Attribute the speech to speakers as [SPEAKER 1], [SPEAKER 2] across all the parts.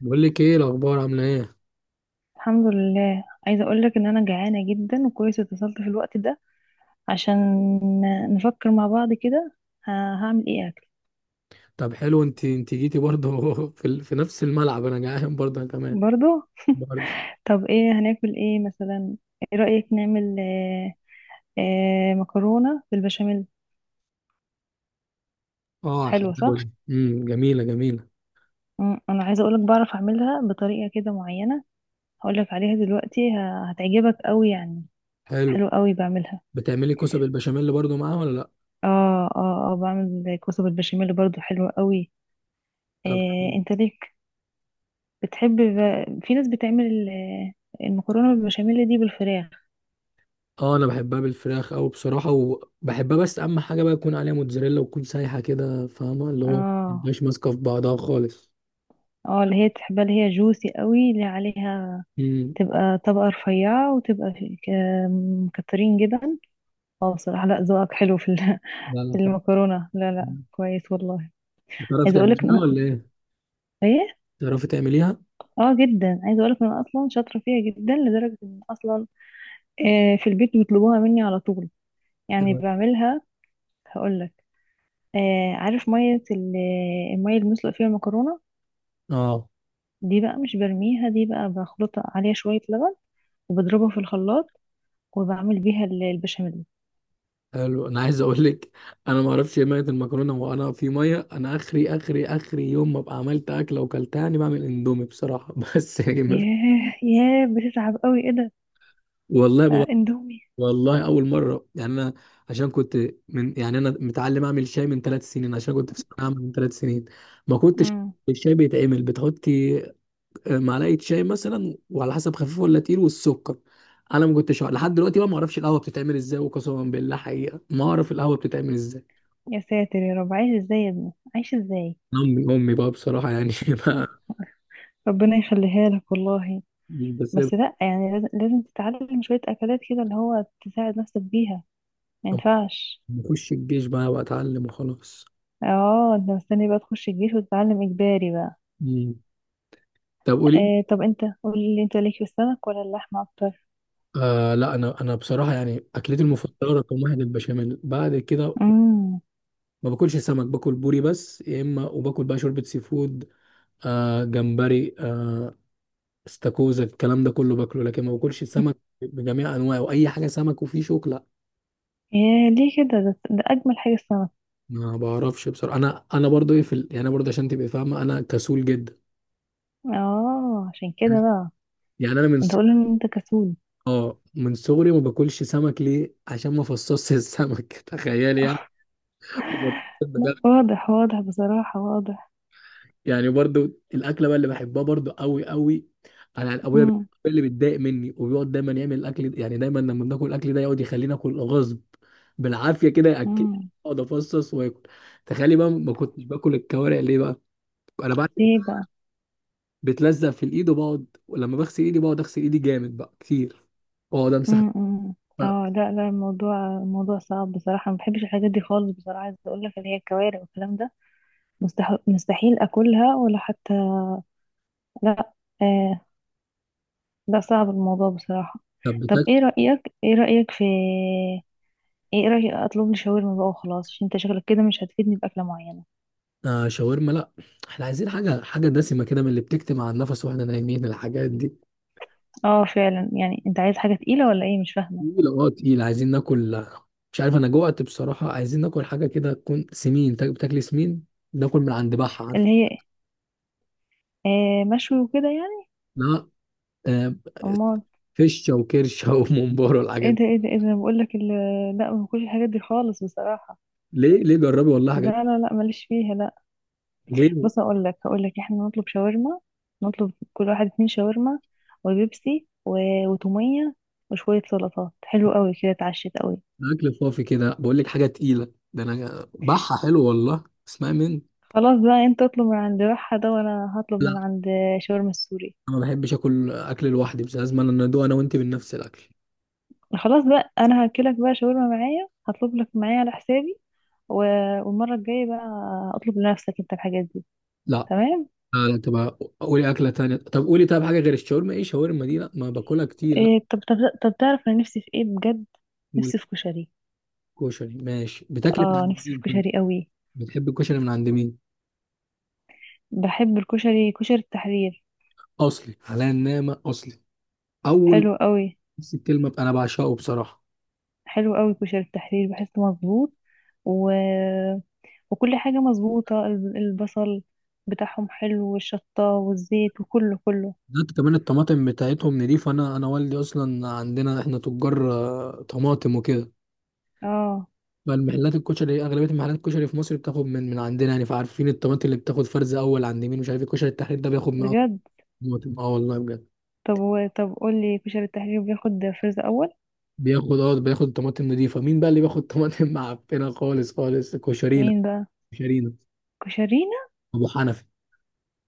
[SPEAKER 1] بقول لك ايه الاخبار عامله ايه؟
[SPEAKER 2] الحمد لله. عايزة أقولك إن أنا جعانة جدا وكويس اتصلت في الوقت ده عشان نفكر مع بعض كده. هعمل إيه أكل؟
[SPEAKER 1] طب حلو، انت جيتي برضه في نفس الملعب. انا جعان برضه انا كمان
[SPEAKER 2] برضو.
[SPEAKER 1] برضه.
[SPEAKER 2] طب إيه هناكل إيه مثلا؟ إيه رأيك نعمل مكرونة بالبشاميل؟
[SPEAKER 1] اه، على
[SPEAKER 2] حلوة
[SPEAKER 1] الحداوه.
[SPEAKER 2] صح؟
[SPEAKER 1] جميله جميله.
[SPEAKER 2] أنا عايزة أقولك بعرف أعملها بطريقة كده معينة. هقولك عليها دلوقتي، هتعجبك أوي يعني.
[SPEAKER 1] حلو.
[SPEAKER 2] حلوة أوي بعملها.
[SPEAKER 1] بتعملي كوسه بالبشاميل برضه معاها ولا لا؟
[SPEAKER 2] اه، بعمل كوسة بالبشاميل برضو، حلوة أوي.
[SPEAKER 1] طب
[SPEAKER 2] انت ليك، بتحب، في ناس بتعمل المكرونة بالبشاميل دي بالفراخ.
[SPEAKER 1] اه، انا بحبها بالفراخ او بصراحه وبحبها، بس اهم حاجه بقى يكون عليها موتزاريلا وتكون سايحه كده، فاهمه اللي هو
[SPEAKER 2] اه
[SPEAKER 1] مش ماسكه في بعضها خالص.
[SPEAKER 2] اه اللي هي تحبها، اللي هي جوسي قوي، اللي عليها
[SPEAKER 1] امم.
[SPEAKER 2] تبقى طبقة رفيعة، وتبقى مكترين جبن. اه بصراحة لا، ذوقك حلو في
[SPEAKER 1] لا لا،
[SPEAKER 2] في
[SPEAKER 1] حلو.
[SPEAKER 2] المكرونة. لا،
[SPEAKER 1] مم.
[SPEAKER 2] كويس والله.
[SPEAKER 1] بتعرفي
[SPEAKER 2] عايزة اقولك
[SPEAKER 1] تعمليها
[SPEAKER 2] ان
[SPEAKER 1] ولا
[SPEAKER 2] أنا-
[SPEAKER 1] ايه؟
[SPEAKER 2] ايه؟
[SPEAKER 1] بتعرفي تعمليها؟
[SPEAKER 2] اه جدا، عايزة اقولك ان انا اصلا شاطرة فيها جدا، لدرجة ان اصلا في البيت بيطلبوها مني على طول. يعني بعملها، هقولك. عارف مية المية اللي بنسلق فيها المكرونة
[SPEAKER 1] اه
[SPEAKER 2] دي؟ بقى مش برميها، دي بقى بخلطها، عليها شوية لبن، وبضربها في الخلاط، وبعمل بيها البشاميل.
[SPEAKER 1] حلو. انا عايز اقول لك، انا ما اعرفش ايه ميه المكرونه، وانا في ميه. انا اخري يوم ما ابقى عملت اكله وكلتها، يعني بعمل اندومي بصراحه بس يعني ما في-
[SPEAKER 2] ياه، بتتعب قوي، ايه ده؟
[SPEAKER 1] والله ما بعرف-
[SPEAKER 2] اندومي.
[SPEAKER 1] والله اول مره، يعني انا عشان كنت، من يعني انا متعلم اعمل شاي من ثلاث سنين، عشان كنت في ثانويه عامه من ثلاث سنين. ما كنتش
[SPEAKER 2] مم.
[SPEAKER 1] الشاي بيتعمل بتحطي معلقه شاي مثلا، وعلى حسب خفيف ولا تقيل والسكر. انا ما كنتش أعرف- لحد دلوقتي بقى ما اعرفش القهوه بتتعمل ازاي، وقسما بالله حقيقه ما اعرف القهوه بتتعمل ازاي.
[SPEAKER 2] يا ساتر يا رب، عايش ازاي يا ابني، عايش ازاي؟
[SPEAKER 1] امي بقى بصراحه، يعني
[SPEAKER 2] مم.
[SPEAKER 1] ما.
[SPEAKER 2] ربنا يخليها لك والله.
[SPEAKER 1] مش بسيب.
[SPEAKER 2] بس لا يعني، لازم تتعلم شوية أكلات كده اللي هو تساعد نفسك بيها، ما ينفعش.
[SPEAKER 1] بخش الجيش بقى واتعلم وخلاص.
[SPEAKER 2] اه، انت مستني بقى تخش الجيش وتتعلم إجباري بقى؟
[SPEAKER 1] مم. طب قولي.
[SPEAKER 2] آه طب انت قولي لي، انت ليك في السمك ولا اللحمة أكتر؟
[SPEAKER 1] آه لا، انا بصراحه يعني اكلتي المفضله رقم واحد البشاميل. بعد كده
[SPEAKER 2] مم.
[SPEAKER 1] ما باكلش سمك، باكل بوري بس يا اما، وباكل بقى شوربه سي فود، آه جمبري، آه استاكوزا، الكلام ده كله باكله، لكن ما باكلش سمك بجميع انواعه، واي حاجه سمك وفيه شوك لا.
[SPEAKER 2] يا ليه كده، ده اجمل حاجه السمك.
[SPEAKER 1] ما بعرفش بصراحه. انا انا برضو ايه في ال... يعني انا برضو عشان تبقى فاهمه، انا كسول جدا.
[SPEAKER 2] اه عشان كده بقى.
[SPEAKER 1] يعني انا من
[SPEAKER 2] انت قول ان انت كسول.
[SPEAKER 1] اه من صغري ما باكلش سمك. ليه؟ عشان ما فصصش السمك تخيل يعني.
[SPEAKER 2] لا
[SPEAKER 1] بجد.
[SPEAKER 2] واضح، واضح بصراحه، واضح.
[SPEAKER 1] يعني برضو الاكله بقى اللي بحبها برضو قوي قوي. انا ابويا بي-
[SPEAKER 2] امم
[SPEAKER 1] اللي بيتضايق مني وبيقعد دايما يعمل الاكل، يعني دايما لما بناكل الاكل ده يقعد يخلينا اكل غصب، بالعافيه كده ياكل،
[SPEAKER 2] امم.
[SPEAKER 1] اقعد افصص واكل. تخيلي بقى ما كنتش باكل الكوارع. ليه بقى؟ انا بعد
[SPEAKER 2] ليه بقى؟
[SPEAKER 1] بتلزق في الايد، وبقعد ولما بغسل ايدي بقعد اغسل ايدي جامد بقى كتير، واقعد امسح
[SPEAKER 2] امم. إمم.
[SPEAKER 1] بقى.
[SPEAKER 2] اه لا لا، الموضوع صعب بصراحه، ما بحبش الحاجات دي خالص بصراحه. عايزه اقول لك اللي هي الكوارع والكلام ده، مستحيل اكلها، ولا حتى لا. آه لا، صعب الموضوع بصراحه.
[SPEAKER 1] طب.
[SPEAKER 2] طب ايه رايك اطلب لي شاورما بقى وخلاص، عشان انت شكلك كده مش هتفيدني باكله معينه.
[SPEAKER 1] آه شاورما لا. احنا عايزين حاجة حاجة دسمة كده، من اللي بتكتم على النفس واحنا نايمين الحاجات دي.
[SPEAKER 2] اه فعلا، يعني انت عايز حاجة تقيلة ولا ايه، مش فاهمة.
[SPEAKER 1] تقيلة، اه تقيلة، عايزين ناكل. مش عارف انا جوعت بصراحة، عايزين ناكل حاجة كده تكون سمين، بتاكل سمين. ناكل من عند بحة، عارف؟
[SPEAKER 2] اللي هي مشوي وكده يعني؟
[SPEAKER 1] لا آه،
[SPEAKER 2] امال؟
[SPEAKER 1] فشة وكرشة وممبار
[SPEAKER 2] ايه
[SPEAKER 1] والحاجات
[SPEAKER 2] ده
[SPEAKER 1] دي.
[SPEAKER 2] ايه ده ايه ده بقول لك لا، ما باكلش الحاجات دي خالص بصراحة.
[SPEAKER 1] ليه ليه؟ جربي والله
[SPEAKER 2] لا
[SPEAKER 1] حاجات.
[SPEAKER 2] لا لا ماليش فيها، لا.
[SPEAKER 1] ليه ده؟
[SPEAKER 2] بص اقول لك، هقول لك احنا نطلب شاورما، نطلب كل واحد اتنين شاورما، وبيبسي، و... وتومية، وشوية سلطات، حلو قوي كده اتعشت قوي.
[SPEAKER 1] اكل فافي كده، بقول لك حاجة تقيلة. ده انا بحة حلو والله، اسمعي من.
[SPEAKER 2] خلاص بقى، انت اطلب من عند بحة ده، وانا هطلب من
[SPEAKER 1] لا
[SPEAKER 2] عند شاورما السوري.
[SPEAKER 1] انا ما بحبش اكل اكل لوحدي، بس لازم انا ندوق انا وانت من نفس الاكل.
[SPEAKER 2] خلاص بقى انا هاكلك بقى شاورما معايا، هطلب لك معايا على حسابي. و... والمره الجايه بقى اطلب لنفسك انت الحاجات دي.
[SPEAKER 1] لا
[SPEAKER 2] تمام.
[SPEAKER 1] لا لا، تبقى قولي أكلة تانية. طب قولي، طب حاجة غير الشاورما. إيه شاورما دي، لا ما باكلها كتير لا.
[SPEAKER 2] إيه، طب تعرف انا نفسي في ايه بجد؟ نفسي في كشري.
[SPEAKER 1] والكشري ماشي، بتاكلي من
[SPEAKER 2] اه
[SPEAKER 1] عند
[SPEAKER 2] نفسي في
[SPEAKER 1] مين طيب؟
[SPEAKER 2] كشري قوي.
[SPEAKER 1] بتحب الكشري من عند مين؟
[SPEAKER 2] بحب الكشري كشري التحرير.
[SPEAKER 1] أصلي على النعمة، أصلي أول.
[SPEAKER 2] حلو قوي.
[SPEAKER 1] بس الكلمة بقى، أنا بعشقه بصراحة.
[SPEAKER 2] حلو قوي كشري التحرير، بحسه مظبوط، و... وكل حاجه مظبوطه، البصل بتاعهم حلو، والشطه، والزيت، وكله كله.
[SPEAKER 1] ده كمان الطماطم بتاعتهم نضيفة. أنا أنا والدي أصلا عندنا، إحنا تجار طماطم وكده.
[SPEAKER 2] اه
[SPEAKER 1] فالمحلات الكشري، أغلبية محلات الكشري في مصر بتاخد من عندنا، يعني فعارفين الطماطم اللي بتاخد فرز أول عند مين. مش عارف الكشري التحرير ده بياخد من أكتر
[SPEAKER 2] بجد.
[SPEAKER 1] الطماطم. أه والله بجد.
[SPEAKER 2] طب و... طب قول لي، كشري التحرير بياخد فاز اول؟
[SPEAKER 1] بياخد اه، بياخد طماطم نضيفه. مين بقى اللي بياخد طماطم معفنه خالص؟ خالص كشرينا،
[SPEAKER 2] مين بقى؟
[SPEAKER 1] كشرينا
[SPEAKER 2] كشرينا؟
[SPEAKER 1] ابو حنفي.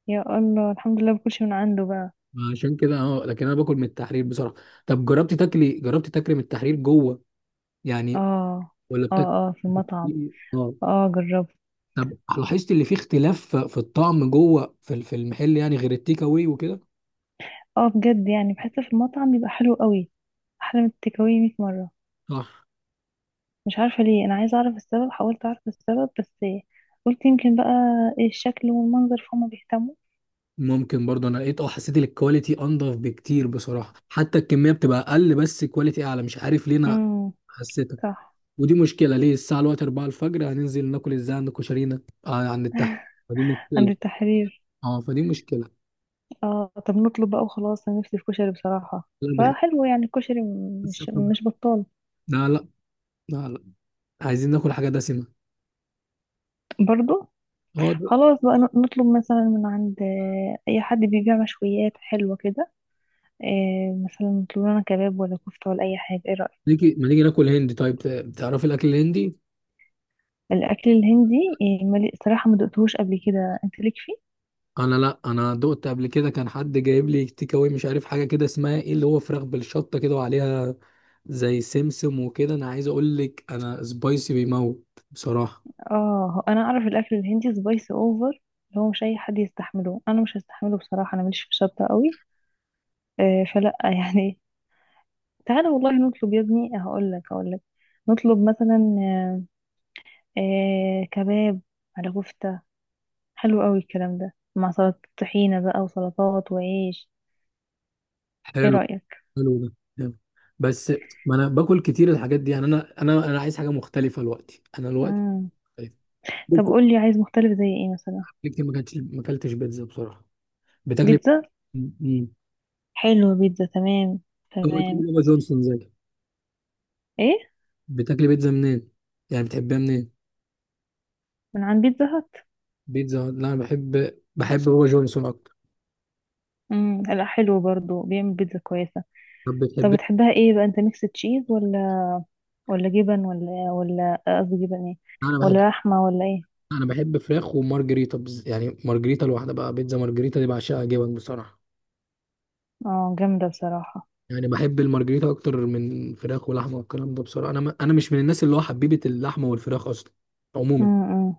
[SPEAKER 2] يا الله، الحمد لله باكلش من عنده بقى.
[SPEAKER 1] عشان كده اه، لكن انا باكل من التحرير بصراحه. طب جربتي تاكلي، جربتي تاكلي من التحرير جوه يعني،
[SPEAKER 2] اه
[SPEAKER 1] ولا
[SPEAKER 2] اه
[SPEAKER 1] بتاكلي؟
[SPEAKER 2] اه في المطعم.
[SPEAKER 1] اه
[SPEAKER 2] اه جربت.
[SPEAKER 1] طب لاحظت اللي فيه اختلاف في الطعم جوه في المحل يعني، غير التيك اواي وكده؟
[SPEAKER 2] اه بجد، يعني بحس في المطعم بيبقى حلو قوي، احلى من التيك أواي 100 مره.
[SPEAKER 1] صح.
[SPEAKER 2] مش عارفه ليه، انا عايزه اعرف السبب، حاولت اعرف السبب، بس قلت يمكن بقى الشكل والمنظر فهم بيهتموا.
[SPEAKER 1] ممكن برضه، انا لقيت اه، حسيت إن الكواليتي انضف بكتير بصراحه، حتى الكميه بتبقى اقل بس كواليتي اعلى، مش عارف ليه، انا
[SPEAKER 2] امم.
[SPEAKER 1] حسيت.
[SPEAKER 2] صح.
[SPEAKER 1] ودي مشكلة، ليه الساعة دلوقتي 4 الفجر، هننزل ناكل ازاي عند كشرينا؟ آه عند التحت، فدي
[SPEAKER 2] عند
[SPEAKER 1] مشكلة.
[SPEAKER 2] التحرير.
[SPEAKER 1] اه فدي مشكلة.
[SPEAKER 2] اه طب نطلب بقى وخلاص، انا نفسي في كشري بصراحه،
[SPEAKER 1] لا بقى،
[SPEAKER 2] فحلو يعني الكشري،
[SPEAKER 1] بس
[SPEAKER 2] مش
[SPEAKER 1] آكل-
[SPEAKER 2] مش بطال.
[SPEAKER 1] لا لا، لا لا، عايزين ناكل حاجة دسمة.
[SPEAKER 2] برضو
[SPEAKER 1] اه ده-
[SPEAKER 2] خلاص بقى، نطلب مثلا من عند اي حد بيبيع مشويات حلوة كده. مثلا نطلب لنا كباب، ولا كفتة، ولا اي حاجة، ايه رأيك؟
[SPEAKER 1] نيجي ما نيجي ناكل هندي طيب؟ تعرفي الأكل الهندي؟
[SPEAKER 2] الاكل الهندي؟ صراحة ما دقتهوش قبل كده، انت ليك فيه؟
[SPEAKER 1] أنا لا، أنا دقت قبل كده، كان حد جايب لي تيك أواي، مش عارف حاجة كده اسمها ايه، اللي هو فراخ بالشطة كده وعليها زي سمسم وكده. أنا عايز أقول لك، أنا سبايسي بيموت بصراحة.
[SPEAKER 2] اه هو انا اعرف الاكل الهندي سبايسي اوفر، اللي هو مش اي حد يستحمله، انا مش هستحمله بصراحة، انا ماليش في الشطة قوي، فلا يعني. تعالى والله نطلب يا ابني، هقول لك نطلب مثلا كباب على كفتة، حلو قوي الكلام ده مع سلطة طحينة بقى، وسلطات، وعيش. ايه
[SPEAKER 1] حلو
[SPEAKER 2] رأيك؟
[SPEAKER 1] حلو ده، جامد. بس ما انا باكل كتير الحاجات دي. يعني انا عايز حاجه مختلفه دلوقتي. انا دلوقتي
[SPEAKER 2] مم. طب
[SPEAKER 1] بيتزا.
[SPEAKER 2] قولي عايز مختلف زي ايه مثلا؟
[SPEAKER 1] كتير ما كانتش، ما اكلتش بيتزا بصراحه. بتاكلي؟
[SPEAKER 2] بيتزا؟
[SPEAKER 1] امم.
[SPEAKER 2] حلو بيتزا، تمام.
[SPEAKER 1] هو
[SPEAKER 2] تمام.
[SPEAKER 1] تقول بابا جونسون زي.
[SPEAKER 2] ايه؟
[SPEAKER 1] بتاكلي بيتزا منين؟ يعني بتحبها منين؟
[SPEAKER 2] من عند بيتزا هات.
[SPEAKER 1] بيتزا هات. لا انا بحب بابا جونسون اكتر.
[SPEAKER 2] مم. لا حلو برضو، بيعمل بيتزا كويسة.
[SPEAKER 1] طب
[SPEAKER 2] طب
[SPEAKER 1] بتحبي.
[SPEAKER 2] بتحبها ايه بقى انت، ميكس تشيز ولا، ولا جبن، ولا، ولا قصدي جبن ايه،
[SPEAKER 1] انا بحب
[SPEAKER 2] ولا لحمة ولا ايه؟
[SPEAKER 1] انا بحب فراخ ومارجريتا، يعني مارجريتا لوحدها بقى، بيتزا مارجريتا دي بعشقها، جبن بصراحه.
[SPEAKER 2] اه جامدة بصراحة.
[SPEAKER 1] يعني بحب المارجريتا اكتر من فراخ ولحمه والكلام ده بصراحه، انا ما انا مش من الناس اللي هو حبيبه اللحمه والفراخ اصلا عموما.
[SPEAKER 2] مم.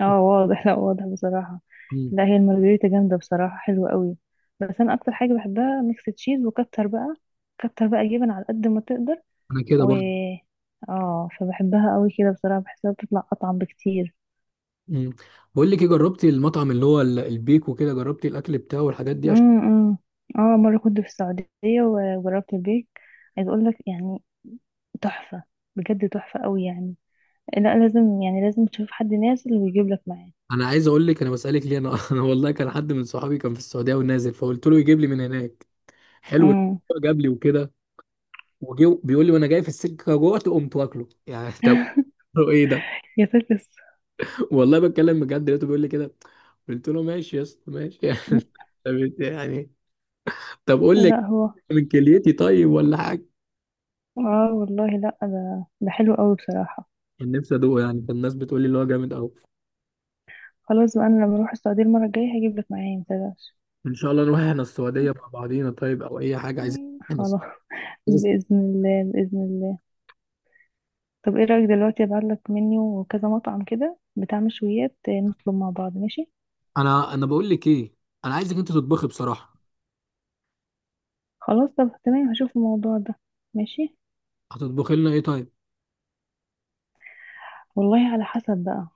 [SPEAKER 2] اه واضح، لا واضح بصراحة.
[SPEAKER 1] مم.
[SPEAKER 2] لا هي المارجريتا جامدة بصراحة، حلوة قوي. بس أنا أكتر حاجة بحبها ميكس تشيز، وكتر بقى، كتر بقى جبن على قد ما تقدر.
[SPEAKER 1] انا كده
[SPEAKER 2] و
[SPEAKER 1] برضه.
[SPEAKER 2] اه فبحبها قوي كده بصراحة، بحسها بتطلع أطعم بكتير.
[SPEAKER 1] مم. بقول لك ايه، جربتي المطعم اللي هو البيك وكده، جربتي الاكل بتاعه والحاجات دي عشان؟
[SPEAKER 2] امم. اه مرة كنت في السعودية وجربت البيك، عايز أقول لك يعني، تحفة، بجد تحفة قوي يعني. لا لازم يعني، لازم تشوف حد نازل ويجيب لك معاه.
[SPEAKER 1] انا عايز اقول لك، انا بسالك ليه انا انا والله كان حد من صحابي كان في السعوديه ونازل، فقلت له يجيب لي من هناك. حلو.
[SPEAKER 2] امم.
[SPEAKER 1] جاب لي وكده، وجي بيقول لي وانا جاي في السكه جوعت قمت واكله. يعني طب ايه ده؟
[SPEAKER 2] يا فاكس.
[SPEAKER 1] والله بتكلم بجد، لقيته بيقول لي كده. قلت له ماشي يا اسطى، ماشي يعني. طب إنت يعني، طب قول لي،
[SPEAKER 2] لا هو
[SPEAKER 1] من كليتي طيب ولا حاجه؟
[SPEAKER 2] اه والله لا، ده حلو قوي بصراحة.
[SPEAKER 1] كان نفسي ادوقه يعني، كان الناس بتقول لي اللي هو جامد قوي.
[SPEAKER 2] خلاص بقى، انا لما اروح السعودية المرة الجاية هجيب لك معايا، متقلقش.
[SPEAKER 1] ان شاء الله نروح احنا السعوديه مع بعضينا طيب، او اي حاجه عايزين. احنا الس-
[SPEAKER 2] خلاص.
[SPEAKER 1] عايز-
[SPEAKER 2] بإذن الله. طب ايه رأيك دلوقتي ابعت لك منيو، وكذا مطعم كده بتاع مشويات، نطلب مع بعض، ماشي؟
[SPEAKER 1] انا بقول لك ايه، انا عايزك انت تطبخي بصراحه.
[SPEAKER 2] خلاص طب تمام، هشوف الموضوع ده. ماشي.
[SPEAKER 1] هتطبخي لنا ايه طيب؟
[SPEAKER 2] والله على حسب بقى.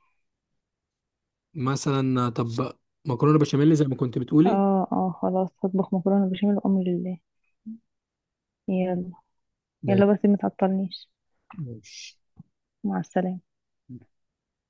[SPEAKER 1] مثلا طب، مكرونه بشاميل زي ما كنت بتقولي.
[SPEAKER 2] اه خلاص هطبخ مكرونة بشاميل، وأمر لله. يلا.
[SPEAKER 1] ما-
[SPEAKER 2] يلا بس ما تعطلنيش.
[SPEAKER 1] ماشي.
[SPEAKER 2] مع السلامة.